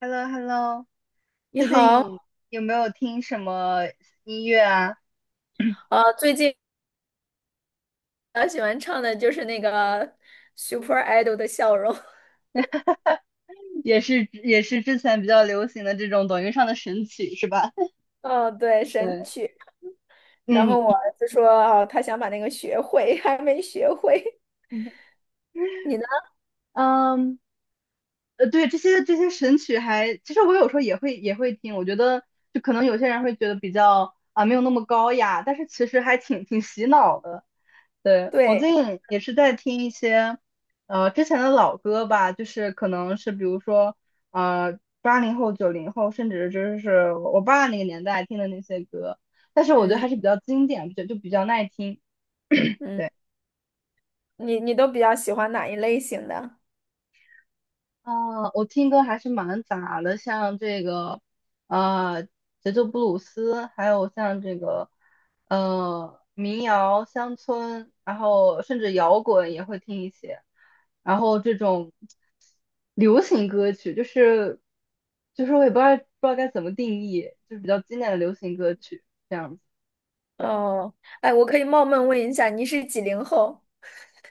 h e l l o h e l l o。 你最近好，有没有听什么音乐啊？最近比较喜欢唱的就是那个 Super Idol 的《笑容》也是之前比较流行的这种抖音上的神曲是吧？哦，对，神对。曲。然嗯 后我儿子说，哦，他想把那个学会，还没学会。你呢？嗯，对，这些神曲还，其实我有时候也会听，我觉得就可能有些人会觉得比较啊没有那么高雅，但是其实还挺洗脑的。对，我对，最近也是在听一些之前的老歌吧，就是可能是比如说80后、90后，甚至就是我爸那个年代听的那些歌，但是我觉得嗯还是比较经典，就比较耐听。嗯，你都比较喜欢哪一类型的？啊，我听歌还是蛮杂的，像这个，呃节奏布鲁斯，还有像这个，民谣、乡村，然后甚至摇滚也会听一些，然后这种流行歌曲，就是我也不知道该怎么定义，就是比较经典的流行歌曲这样子。对，哦，哎，我可以冒昧问一下，你是几零后？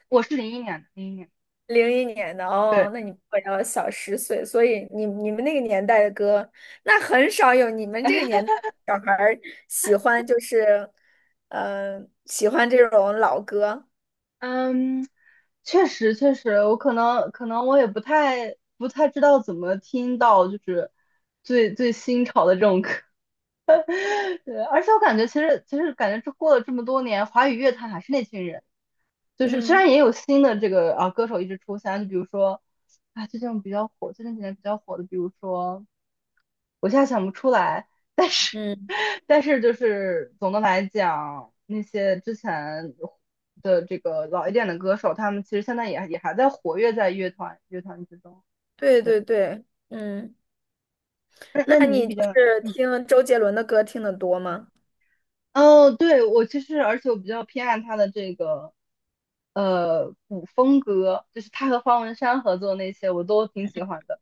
我是零一年的，零一年，01年的对。哦，那你比我要小10岁，所以你们那个年代的歌，那很少有你们这个年代的小孩儿喜欢，就是，喜欢这种老歌。嗯，确实确实，我可能我也不太知道怎么听到就是最新潮的这种歌，对，而且我感觉其实感觉这过了这么多年，华语乐坛还是那群人，就是虽嗯，然也有新的这个啊歌手一直出现，就比如说啊最近比较火，最近几年比较火的，比如说我现在想不出来，嗯，但是就是总的来讲，那些之前的这个老一点的歌手，他们其实现在也也还在活跃在乐团之中。对对，对对，嗯，那那那你你比就较，是嗯，听周杰伦的歌听得多吗？哦，对，我其实而且我比较偏爱他的这个古风歌，就是他和方文山合作那些，我都挺喜欢的。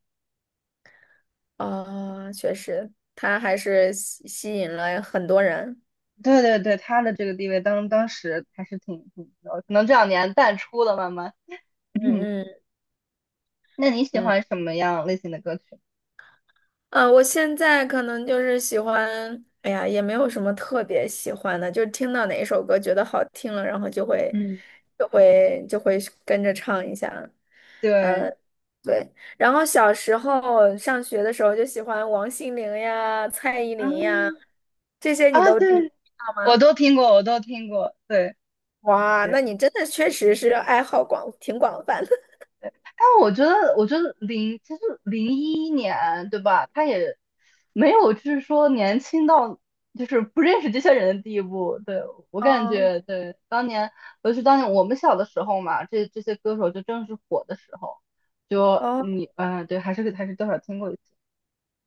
啊、确实，他还是吸引了很多人。对对对，他的这个地位当时还是挺，可能这两年淡出了，慢慢。嗯 嗯那你喜嗯。欢什么样类型的歌曲？我现在可能就是喜欢，哎呀，也没有什么特别喜欢的，就是听到哪一首歌觉得好听了，然后就会嗯，就会就会跟着唱一下。对。呃，对。然后小时候上学的时候就喜欢王心凌呀、蔡依林呀，嗯这些你啊，都你对，我吗？都听过，我都听过，对哇，对，那你真的确实是爱好广，挺广泛的。但我觉得，我觉得其实零一年对吧？他也没有就是说年轻到就是不认识这些人的地步。对，我 感哦觉，对，当年尤其当年我们小的时候嘛，这些歌手就正是火的时候，就哦。你对，还是多少听过一次，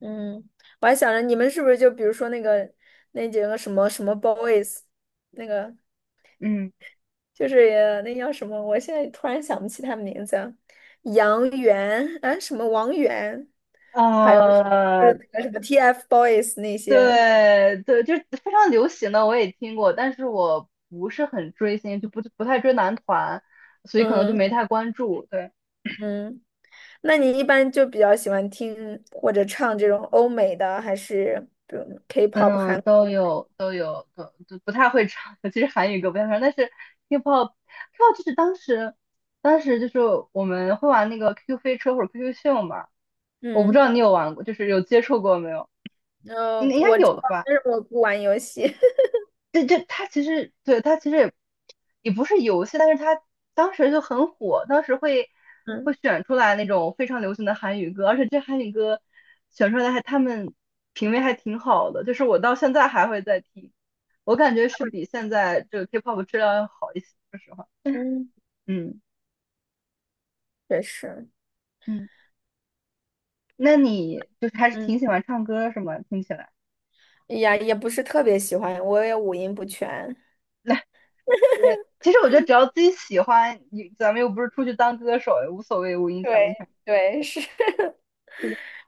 嗯，我还想着你们是不是就比如说那个那几个什么什么 boys，那个嗯，就是也那叫什么，我现在突然想不起他们名字啊，杨元啊什么王源，还有就呃，是那个什么 TFBOYS 那些，对对，就是非常流行的，我也听过，但是我不是很追星，就不太追男团，所以可能就嗯没太关注。对，嗯，那你一般就比较喜欢听或者唱这种欧美的，还是比如 K-pop 嗯，韩？都有都有，都不太会唱，其实韩语歌不太会唱，但是 K-pop，K-pop 就是当时就是我们会玩那个 QQ 飞车或者 QQ 秀嘛，我不知嗯道你有玩过，就是有接触过没有？应嗯，应该我知有道，的吧。但是我不玩游戏。对，就它其实也不是游戏，但是它当时就很火，当时会嗯会选出来那种非常流行的韩语歌，而且这韩语歌选出来还他们品味还挺好的，就是我到现在还会再听，我感觉是比现在这个 K-pop 质量要好一些，说实话，嗯，嗯确实。嗯，那你就是还是嗯。挺喜欢唱歌是吗？听起来，呀，也不是特别喜欢，我也五音不全。来也其实我觉得只要自己喜欢，你咱们又不是出去当歌手，也无所谓五音对全不全。对是，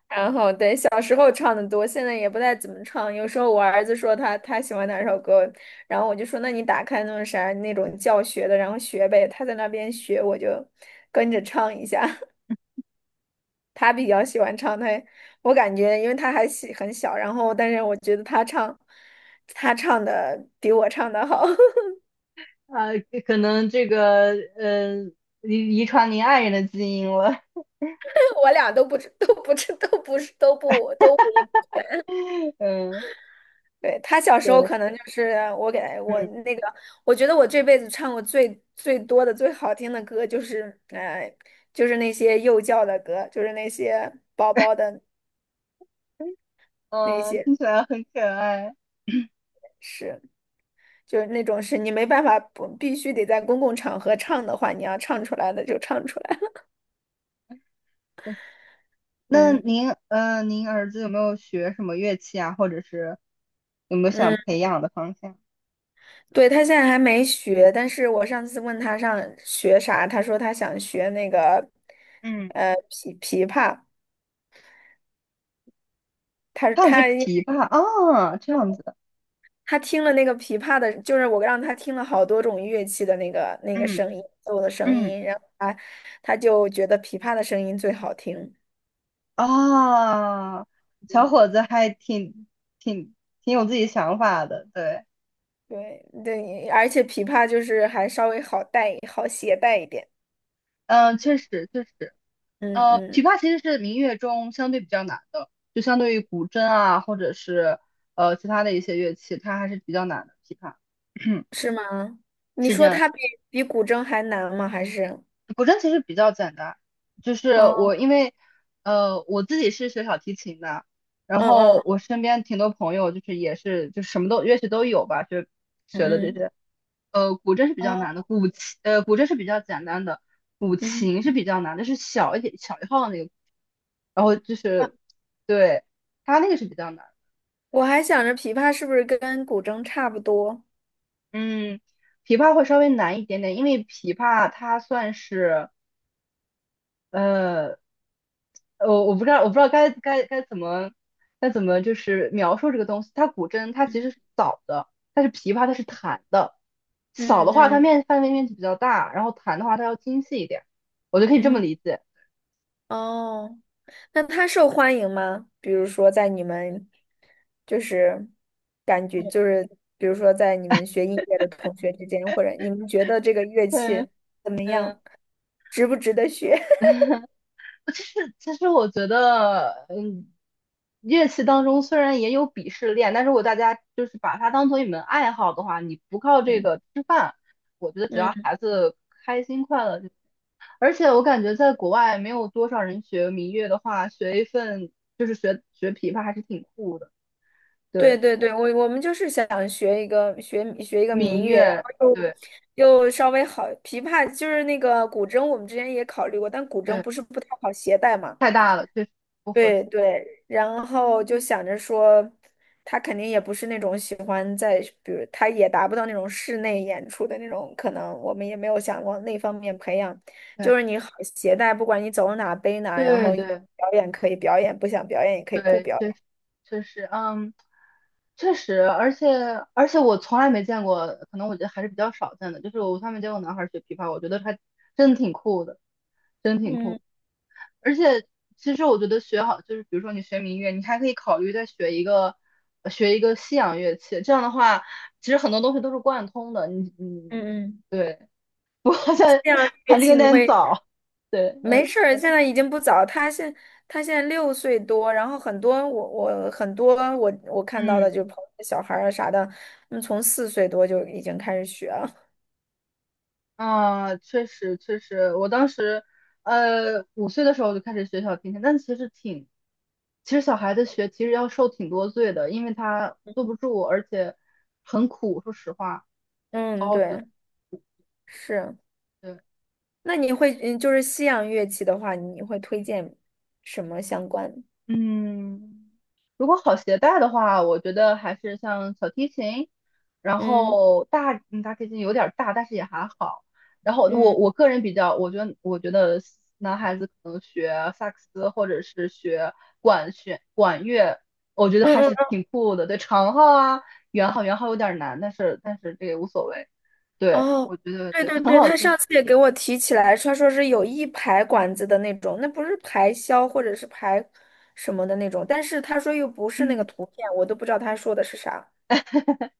然后对，小时候唱的多，现在也不太怎么唱。有时候我儿子说他喜欢哪首歌，然后我就说那你打开那种啥那种教学的，然后学呗。他在那边学，我就跟着唱一下。他比较喜欢唱，他我感觉因为他还喜很小，然后但是我觉得他唱的比我唱的好，呃，可能这个嗯，遗传您爱人的基因了，我俩都不知都不是都不都五音。嗯，对，他小时候对，可能就是我给他我嗯那个，我觉得我这辈子唱过最多的、最好听的歌就是，就是那些幼教的歌，就是那些宝宝的那嗯，些听起来很可爱。是，就是那种是你没办法不必须得在公共场合唱的话，你要唱出来的就唱出来。那嗯您儿子有没有学什么乐器啊，或者是有没有嗯，想培养的方向？对，他现在还没学，但是我上次问他上学啥，他说他想学那个，嗯，琵琶。他他想学他因为琵琶啊，这样子，他听了那个琵琶的，就是我让他听了好多种乐器的那个嗯声音，奏的声嗯音，然后他就觉得琵琶的声音最好听。啊，小嗯，伙子还挺挺有自己想法的，对，对对，而且琵琶就是还稍微好携带一点。嗯，确实确实。嗯琵嗯，琶其实是民乐中相对比较难的，就相对于古筝啊，或者是其他的一些乐器，它还是比较难的。琵琶 是吗？你是这说样。它比古筝还难吗？还是？古筝其实比较简单，就是嗯我因为我自己是学小提琴的，然嗯后嗯我身边挺多朋友就是也是就什么都乐器都有吧，就学的这嗯些。古筝是比较哦，难的，古筝是比较简单的，古嗯哦嗯，琴是比较难的，是小一点小一号的那个，然后就啊是对它那个是比较难。我还想着琵琶是不是跟古筝差不多？嗯，琵琶会稍微难一点点，因为琵琶它算是。呃。我不知道该怎么就是描述这个东西。古筝它其嗯实是扫的，琵琶它是弹的。扫的嗯话，它嗯面范围面积比较大，然后弹的话，它要精细一点。我就可以这么嗯，理解。哦。那他受欢迎吗？比如说在你们，就是感觉就是，比如说在你们学音乐的同学之间，或者你们觉得这个乐对 器怎么 嗯，样，值不值得学？其实我觉得，嗯，乐器当中虽然也有鄙视链，但是如果大家就是把它当做一门爱好的话，你不靠 这嗯个吃饭，我觉得只要嗯，孩子开心快乐就。而且我感觉在国外没有多少人学民乐的话，学一份就是学琵琶还是挺酷的。对对，对对，我们就是想学一个民民乐，然乐，后对又稍微好，琵琶就是那个古筝，我们之前也考虑过，但古筝对，不是不太好携带嘛。太大了，确实不合适。对对，然后就想着说，他肯定也不是那种喜欢在，比如他也达不到那种室内演出的那种，可能我们也没有想往那方面培养。就是对你好携带，不管你走哪背哪，然对后对表演可以表演，不想表演也可以不对，表确演。实确实，嗯，确实，而且我从来没见过，可能我觉得还是比较少见的，就是我从来没见过男孩儿学琵琶，我觉得还真的挺酷的，真挺酷。嗯而且其实我觉得学好，就是比如说你学民乐，你还可以考虑再学一个西洋乐器。这样的话，其实很多东西都是贯通的。嗯嗯，对，不过现在这样乐还是器有你点会早。对，没嗯事儿，现在已经不早。他现在6岁多，然后很多我看到嗯的就朋友的小孩儿啊啥的，嗯，从4岁多就已经开始学了。啊，确实确实，我当时5岁的时候就开始学小提琴，但其实挺。其实小孩子学其实要受挺多罪的，因为他坐不住，而且很苦。说实话，好嗯，好学，对，是。对，那你会嗯，就是西洋乐器的话，你会推荐什么相关？嗯，如果好携带的话，我觉得还是像小提琴，然嗯后大提琴有点儿大，但是也还好。然后我嗯我个人比较，我觉得男孩子可能学萨克斯或者是学管弦管乐，我觉得嗯还嗯是挺酷的。对，长号啊，圆号，圆号有点儿难，但是这也无所谓。对，哦，我觉得对对，对很对，好他上听。次也给我提起来，他说是有一排管子的那种，那不是排箫或者是排什么的那种，但是他说又不是那个嗯，图片，我都不知道他说的是啥。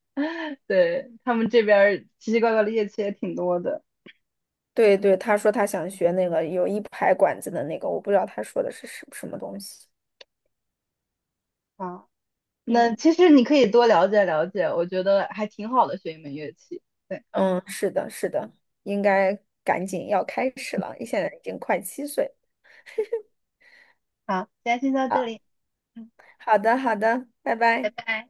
对，他们这边儿奇奇怪怪的乐器也挺多的。对对，他说他想学那个有一排管子的那个，我不知道他说的是什么东西。啊。那嗯其实你可以多了解了解，我觉得还挺好的，学一门乐器。对，嗯，是的，是的，应该赶紧要开始了，现在已经快7岁好，今天先到这啊。里，嗯，好的，好的，拜拜拜。拜。